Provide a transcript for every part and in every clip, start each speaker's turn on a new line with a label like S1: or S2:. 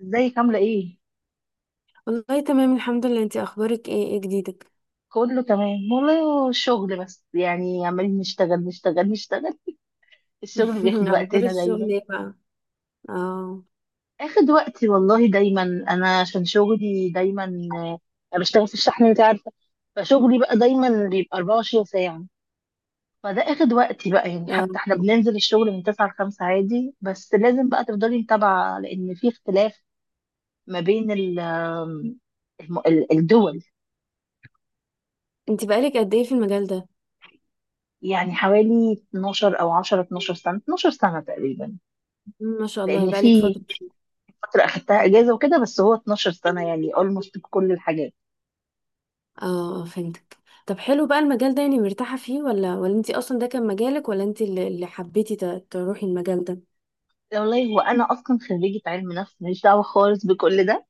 S1: ازيك عاملة ايه؟
S2: والله تمام الحمد لله، انتي اخبارك ايه؟ ايه جديدك؟
S1: كله تمام والله. هو الشغل بس، يعني عمالين نشتغل نشتغل نشتغل، الشغل بياخد
S2: اخبار
S1: وقتنا
S2: الشغل
S1: دايما.
S2: ايه بقى؟ اه،
S1: اخد وقتي والله دايما، انا عشان شغلي دايما. آه، انا بشتغل في الشحن انت عارفة، فشغلي بقى دايما بيبقى 24 ساعة. فده اخد وقتي بقى، يعني
S2: اه.
S1: حتى احنا بننزل الشغل من 9 ل 5 عادي، بس لازم بقى تفضلي متابعة لان في اختلاف ما بين الدول
S2: انتي بقالك قد ايه في المجال ده؟
S1: يعني حوالي 12 او 10، 12 سنة، 12 سنة تقريبا،
S2: ما شاء الله
S1: لان
S2: بقالك
S1: في
S2: فترة فيه.
S1: فتره اخدتها
S2: مم.
S1: اجازه وكده، بس هو 12 سنه يعني اولموست بكل الحاجات.
S2: اه، اه، فهمتك. طب حلو بقى، المجال ده يعني مرتاحة فيه ولا انتي اصلا ده كان مجالك، ولا انتي اللي حبيتي تروحي المجال ده؟
S1: والله وانا اصلا خريجه علم نفس، ماليش دعوه خالص بكل ده.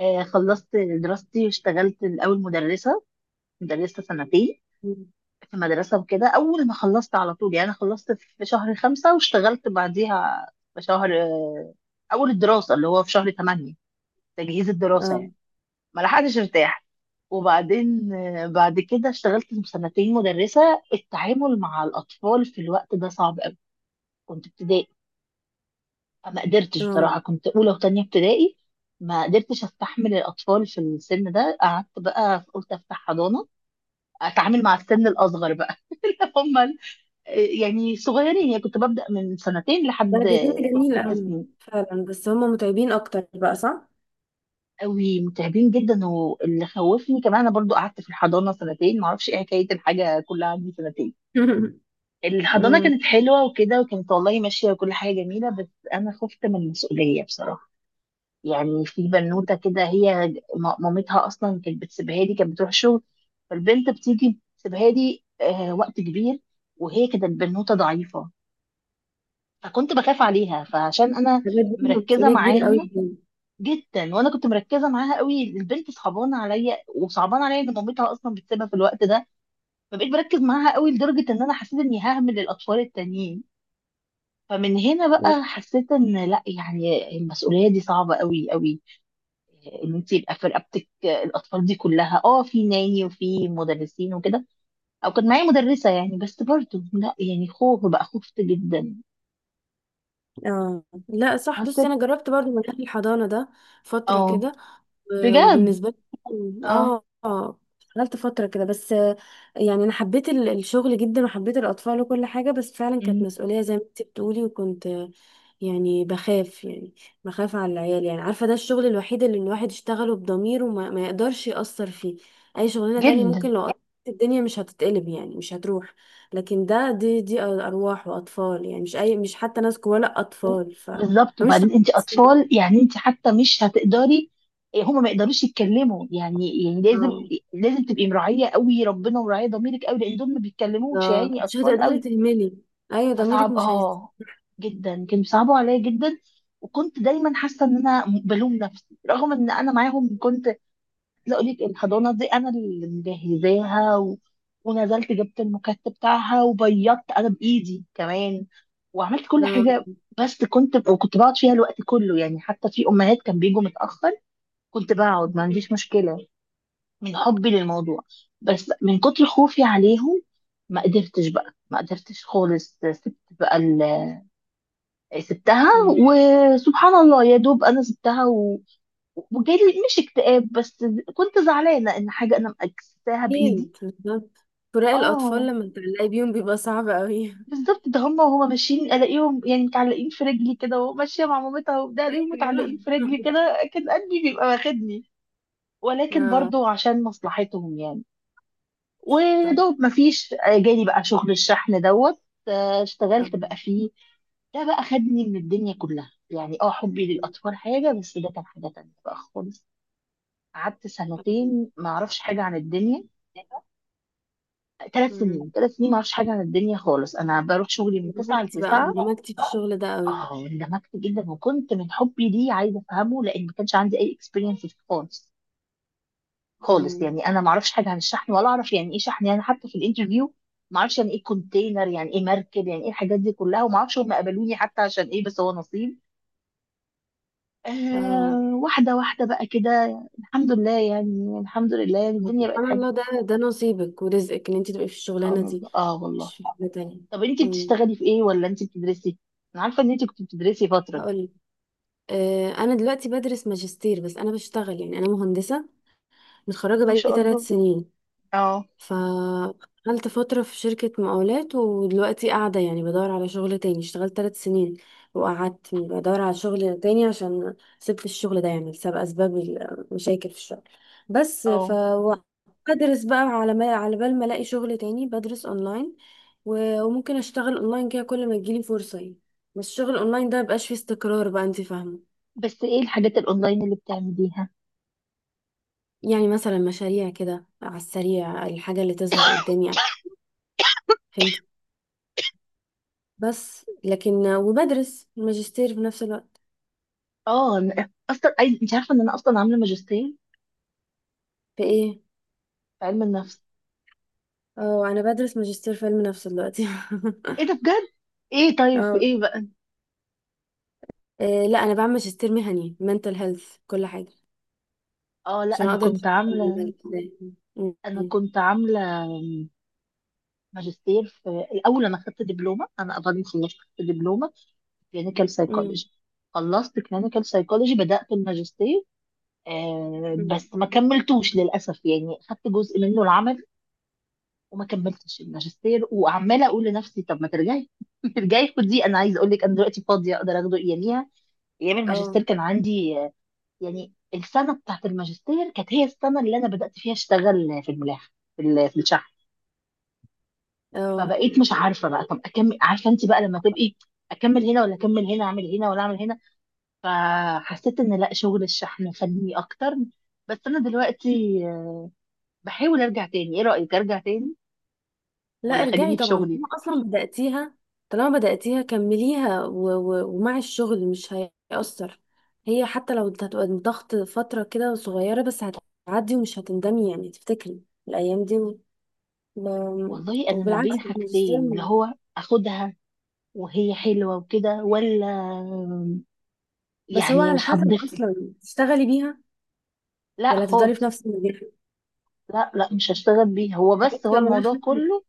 S1: آه خلصت دراستي واشتغلت الاول مدرسه سنتين
S2: مم.
S1: في مدرسه وكده. اول ما خلصت على طول يعني، أنا خلصت في شهر 5 واشتغلت بعديها في شهر اول الدراسه اللي هو في شهر 8، تجهيز الدراسه
S2: اه،
S1: يعني، ما لحقتش ارتاح. وبعدين بعد كده اشتغلت سنتين مدرسة. التعامل مع الأطفال في الوقت ده صعب قوي، كنت ابتدائي. ما قدرتش
S2: اه،
S1: بصراحة، كنت أولى وتانية ابتدائي، ما قدرتش استحمل الأطفال في السن ده. قعدت بقى قلت أفتح حضانة، أتعامل مع السن الأصغر بقى اللي هم ال-، يعني صغيرين، يعني كنت ببدأ من سنتين
S2: ده
S1: لحد
S2: جميل، جميل
S1: ست
S2: قوي.
S1: سنين
S2: فعلا، بس هما متعبين اكتر بقى، صح؟
S1: قوي متعبين جدا، واللي خوفني كمان أنا برضو قعدت في الحضانة سنتين، معرفش إيه حكاية الحاجة كلها عندي سنتين. الحضانة
S2: مم.
S1: كانت حلوة وكده، وكانت والله ماشية وكل حاجة جميلة، بس أنا خفت من المسؤولية بصراحة. يعني في بنوتة كده، هي مامتها أصلا كانت بتسيبها لي، كانت بتروح شغل، فالبنت بتيجي بتسيبها لي آه وقت كبير، وهي كانت بنوتة ضعيفة، فكنت بخاف عليها. فعشان أنا
S2: حاجات دي
S1: مركزة
S2: مسؤولية
S1: معاها
S2: كبيرة قوي.
S1: جدا، وأنا كنت مركزة معاها قوي، البنت صعبانة عليا، وصعبانة عليا إن مامتها أصلا بتسيبها في الوقت ده، فبقيت بركز معاها قوي لدرجة إن أنا حسيت إني ههمل الأطفال التانيين. فمن هنا بقى حسيت ان لا، يعني المسؤوليه دي صعبه قوي قوي، ان انت يبقى في رقبتك الاطفال دي كلها. اه في ناني وفي مدرسين وكده، او كان معايا مدرسه يعني، بس برضه لا، يعني خوف بقى، خفت جدا.
S2: اه. لا، صح. بصي،
S1: حسيت
S2: انا جربت برضو منهج الحضانه ده فتره
S1: اه،
S2: كده،
S1: بجد
S2: وبالنسبة لي،
S1: اه.
S2: اه، اشتغلت فترة كده، بس يعني انا حبيت الشغل جدا، وحبيت الاطفال وكل حاجة، بس فعلا كانت
S1: أمم،
S2: مسؤولية زي ما انت بتقولي، وكنت يعني بخاف، يعني بخاف على العيال، يعني عارفة، ده الشغل الوحيد اللي الواحد يشتغله بضمير، وما ما يقدرش يأثر فيه. اي شغلانة تانية
S1: جدا
S2: ممكن لو قدرت الدنيا مش هتتقلب، يعني مش هتروح. لكن ده دي ارواح واطفال، يعني مش حتى ناس جوه، لا اطفال،
S1: بالظبط.
S2: فمش
S1: وبعدين انت
S2: طبيعي.
S1: اطفال، يعني انت حتى مش هتقدري، هما ما يقدروش يتكلموا، يعني يعني لازم
S2: اه،
S1: لازم تبقي مراعيه قوي ربنا، ومراعيه ضميرك قوي، لان دول ما بيتكلموش، يعني
S2: مش
S1: اطفال
S2: هتقدري
S1: قوي.
S2: تهملي. ايوه، ضميرك
S1: فصعب
S2: مش هيس،
S1: اه، جدا كانوا بيصعبوا عليا جدا، وكنت دايما حاسه ان انا بلوم نفسي رغم ان انا معاهم كنت عايزه. اقول لك الحضانه دي انا اللي مجهزاها، و... ونزلت جبت المكتب بتاعها وبيضت انا بايدي كمان، وعملت كل
S2: آه،
S1: حاجه، بس كنت، وكنت بقعد فيها الوقت كله، يعني حتى في امهات كان بيجوا متاخر كنت بقعد ما عنديش مشكله، من حبي للموضوع. بس من كتر خوفي عليهم ما قدرتش بقى، ما قدرتش خالص، سبت بقى، سبتها.
S2: مم.
S1: وسبحان الله يا دوب انا سبتها، و... وجالي مش اكتئاب، بس كنت زعلانه ان حاجه انا مكستها بايدي.
S2: اكيد، بالظبط. فراق الاطفال
S1: اه
S2: لما بتعلقي بيهم بيبقى صعب قوي.
S1: بالظبط، ده هما وهما ماشيين الاقيهم يعني متعلقين في رجلي كده، وماشيه مع مامتها وبتاع الاقيهم
S2: ايوه.
S1: متعلقين في رجلي كده، كان قلبي بيبقى واخدني، ولكن
S2: اه،
S1: برضو عشان مصلحتهم يعني.
S2: طب،
S1: ودوب مفيش، جالي بقى شغل الشحن دوت. اشتغلت
S2: آه.
S1: بقى فيه، ده بقى خدني من الدنيا كلها، يعني اه حبي للأطفال حاجة، بس ده كان حاجة تانية بقى خالص. قعدت سنتين ما اعرفش حاجه عن الدنيا، ثلاث
S2: مم.
S1: سنين 3 سنين ما اعرفش حاجه عن الدنيا خالص، انا بروح شغلي من 9 ل
S2: دمجتي بقى
S1: 9.
S2: اندمجتي في الشغل ده قوي.
S1: اه اندمجت جدا، وكنت من حبي ليه عايزه افهمه، لان ما كانش عندي اي اكسبيرينس فيه خالص خالص،
S2: مم.
S1: يعني انا ما اعرفش حاجه عن الشحن ولا اعرف يعني ايه شحن، يعني حتى في الانترفيو ما اعرفش يعني ايه كونتينر، يعني ايه مركب، يعني ايه الحاجات دي كلها، وما اعرفش هم قبلوني حتى عشان ايه، بس هو نصيب.
S2: اه.
S1: آه واحده واحده بقى كده، الحمد لله يعني، الحمد لله يعني الدنيا بقت
S2: سبحان
S1: حلوه.
S2: الله، ده نصيبك ورزقك، ان انت تبقي في الشغلانه
S1: سبحان الله
S2: دي،
S1: اه والله.
S2: مش في حاجه تانية.
S1: طب انت
S2: مم.
S1: بتشتغلي في ايه ولا انت بتدرسي؟ انا عارفه ان انت كنت بتدرسي فتره.
S2: هقول لك، انا دلوقتي بدرس ماجستير، بس انا بشتغل، يعني انا مهندسه متخرجه
S1: ما
S2: بقالي
S1: شاء الله
S2: 3 سنين.
S1: اه
S2: فاشتغلت فترة في شركة مقاولات، ودلوقتي قاعدة يعني بدور على شغل تاني. اشتغلت 3 سنين، وقعدت بدور على شغل تاني، عشان سبت الشغل ده، يعني بسبب أسباب المشاكل في الشغل. بس
S1: اه.
S2: بدرس بقى على بال ما الاقي شغل تاني، بدرس اونلاين. وممكن اشتغل اونلاين كده كل ما تجيلي فرصة يعني. بس الشغل اونلاين ده مبقاش فيه استقرار بقى، انت فاهمة؟
S1: بس ايه الحاجات الاونلاين اللي بتعمليها؟
S2: يعني مثلا مشاريع كده على السريع، الحاجة اللي تظهر قدامي، فهمت. بس لكن وبدرس الماجستير في نفس الوقت.
S1: اه أنا اصلا عايز، انت عارفه ان انا اصلا عامله ماجستير
S2: في ايه؟
S1: في علم النفس.
S2: اه انا بدرس ماجستير في علم نفس دلوقتي.
S1: ايه ده بجد؟ ايه طيب في
S2: اه،
S1: ايه بقى؟
S2: إيه، لا، انا بعمل ماجستير مهني mental health، كل حاجة
S1: اه لا
S2: عشان
S1: انا
S2: اقدر
S1: كنت
S2: أشتغل
S1: عامله،
S2: بالملك ده. م-
S1: انا
S2: م-
S1: كنت عامله ماجستير في الاول، انا خدت دبلومه انا بعد ما خلصت، خدت دبلومه في كلينيكال
S2: م-
S1: سايكولوجي. خلصت كلينيكال سايكولوجي بدات الماجستير، آه
S2: م.
S1: بس ما كملتوش للاسف، يعني خدت جزء منه العمل، وما كملتش الماجستير. وعماله اقول لنفسي طب ما ترجعي ترجعي خدي، انا عايزه اقول لك انا دلوقتي فاضيه اقدر اخده. اياميها، ايام
S2: اه،
S1: الماجستير كان عندي يعني السنه بتاعت الماجستير كانت هي السنه اللي انا بدات فيها اشتغل في الملاحه، في في الشحن،
S2: اه.
S1: فبقيت مش عارفه بقى، طب اكمل، عارفه انت بقى لما تبقي اكمل هنا ولا اكمل هنا، اعمل هنا ولا اعمل هنا. فحسيت ان لا، شغل الشحن فني اكتر، بس انا دلوقتي بحاول ارجع تاني. ايه رايك، ارجع تاني
S2: لا،
S1: ولا
S2: ارجعي
S1: خليني في
S2: طبعا،
S1: شغلي؟
S2: طالما اصلا بدأتيها. طالما بدأتيها كمليها، ومع الشغل مش هيأثر. هي حتى لو هتبقى ضغط فترة كده صغيرة، بس هتعدي ومش هتندمي يعني، تفتكري الأيام دي، ما-
S1: والله انا ما
S2: وبالعكس
S1: بين
S2: الماجستير
S1: حاجتين، اللي هو اخدها وهي حلوه وكده، ولا
S2: بس هو
S1: يعني
S2: على
S1: مش
S2: حسب،
S1: هتضيف لي.
S2: اصلا تشتغلي بيها
S1: لا
S2: ولا تفضلي في
S1: خالص،
S2: نفس المجال؟
S1: لا لا مش هشتغل بيها، هو بس
S2: حاجات
S1: هو
S2: كده
S1: الموضوع
S2: ملهاش.
S1: كله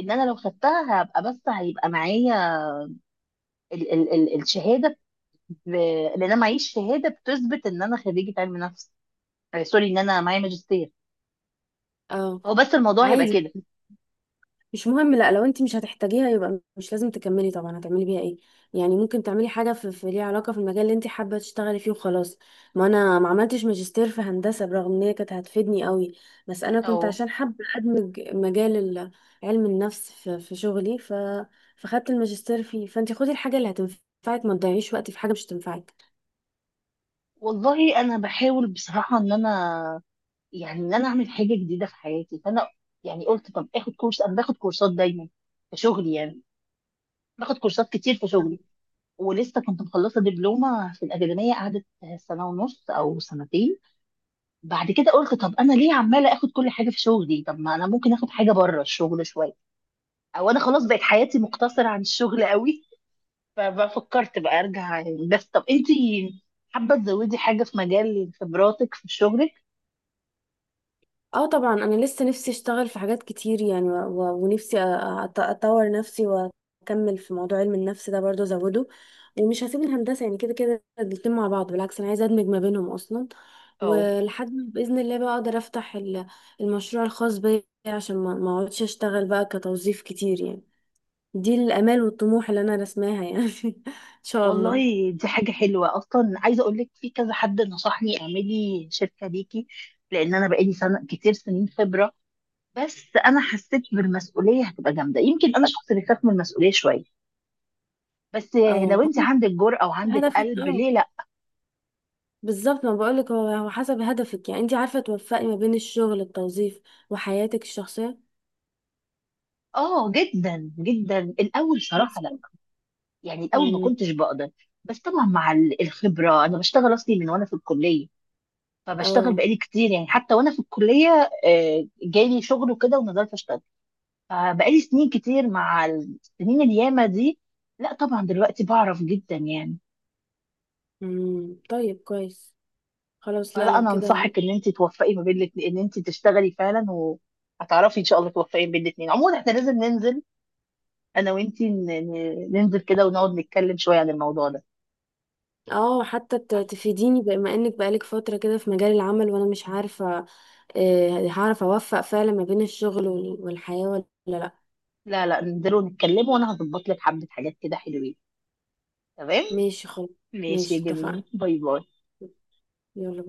S1: ان انا لو خدتها هبقى، بس هيبقى معايا ال الشهاده، لان انا معيش شهاده بتثبت ان انا خريجه علم نفس. سوري، ان انا معايا ماجستير،
S2: اه،
S1: هو بس الموضوع هيبقى
S2: عادي.
S1: كده.
S2: مش مهم. لا، لو انت مش هتحتاجيها يبقى مش لازم تكملي طبعا، هتعملي بيها ايه؟ يعني ممكن تعملي حاجه في ليها علاقه في المجال اللي انت حابه تشتغلي فيه، وخلاص. ما انا ما عملتش ماجستير في هندسه، برغم ان هي كانت هتفيدني قوي، بس انا كنت
S1: اه
S2: عشان حابه ادمج مجال علم النفس في شغلي، فخدت الماجستير فيه. فانت خدي الحاجه اللي هتنفعك، ما تضيعيش وقت في حاجه مش هتنفعك.
S1: والله انا بحاول بصراحه، ان انا يعني ان انا اعمل حاجه جديده في حياتي، فانا يعني قلت طب اخد كورس. انا باخد كورسات دايما في شغلي يعني، باخد كورسات كتير في شغلي، ولسه كنت مخلصه دبلومه في الاكاديميه، قعدت سنه ونص او سنتين. بعد كده قلت، طب انا ليه عماله اخد كل حاجه في شغلي، طب ما انا ممكن اخد حاجه بره الشغل شويه، او انا خلاص بقت حياتي مقتصره عن الشغل قوي ففكرت بقى ارجع يعني، بس طب انتي حابه تزودي حاجه في مجال خبراتك في شغلك؟
S2: اه طبعا، انا لسه نفسي اشتغل في حاجات كتير يعني، ونفسي اطور نفسي، واكمل في موضوع علم النفس ده برضه ازوده. ومش هسيب الهندسه يعني، كده كده الاتنين مع بعض، بالعكس انا عايزه ادمج ما بينهم اصلا.
S1: او
S2: ولحد ما باذن الله بقى اقدر افتح المشروع الخاص بيا، عشان ما اقعدش اشتغل بقى كتوظيف كتير يعني. دي الامال والطموح اللي انا رسماها يعني. ان شاء الله.
S1: والله دي حاجة حلوة. أصلا عايزة أقول لك، في كذا حد نصحني اعملي شركة ليكي، لأن أنا بقالي سنة كتير سنين خبرة، بس أنا حسيت بالمسؤولية هتبقى جامدة، يمكن أنا شخص بيخاف من المسؤولية شوية، بس
S2: اه،
S1: لو أنت عندك جرأة وعندك
S2: هدفي.
S1: قلب
S2: اه،
S1: ليه لأ؟
S2: بالظبط ما بقولك. هو هو حسب هدفك، يعني انت عارفة توفقي ما بين الشغل، التوظيف، وحياتك الشخصية.
S1: آه جدا جدا. الأول
S2: بس
S1: صراحة لأ،
S2: كده.
S1: يعني الأول ما
S2: امم
S1: كنتش بقدر، بس طبعا مع ال- الخبرة، أنا بشتغل أصلي من وأنا في الكلية، فبشتغل
S2: اه،
S1: بقالي كتير، يعني حتى وأنا في الكلية جالي شغل وكده ونزلت أشتغل. بقالي سنين كتير، مع السنين الياما دي لا طبعا دلوقتي بعرف جدا يعني.
S2: طيب كويس خلاص. لا،
S1: فلا
S2: لو
S1: انا
S2: كده
S1: انصحك ان انت توفقي ما بين الاتنين، ان انت تشتغلي فعلا، وهتعرفي ان شاء الله توفقي بين الاتنين. عموما احنا لازم ننزل، انا وانت ننزل كده ونقعد نتكلم شويه عن الموضوع ده.
S2: اه، حتى تفيديني، بما انك بقالك فترة كده في مجال العمل وانا مش عارفة هعرف اوفق فعلا ما بين الشغل والحياة ولا لا.
S1: لا لا ننزل ونتكلم، وانا هظبط لك حبه حاجات كده حلوين. تمام،
S2: ماشي خلاص.
S1: ماشي يا
S2: ماشي
S1: جميل،
S2: اتفقنا.
S1: باي باي.
S2: يلا.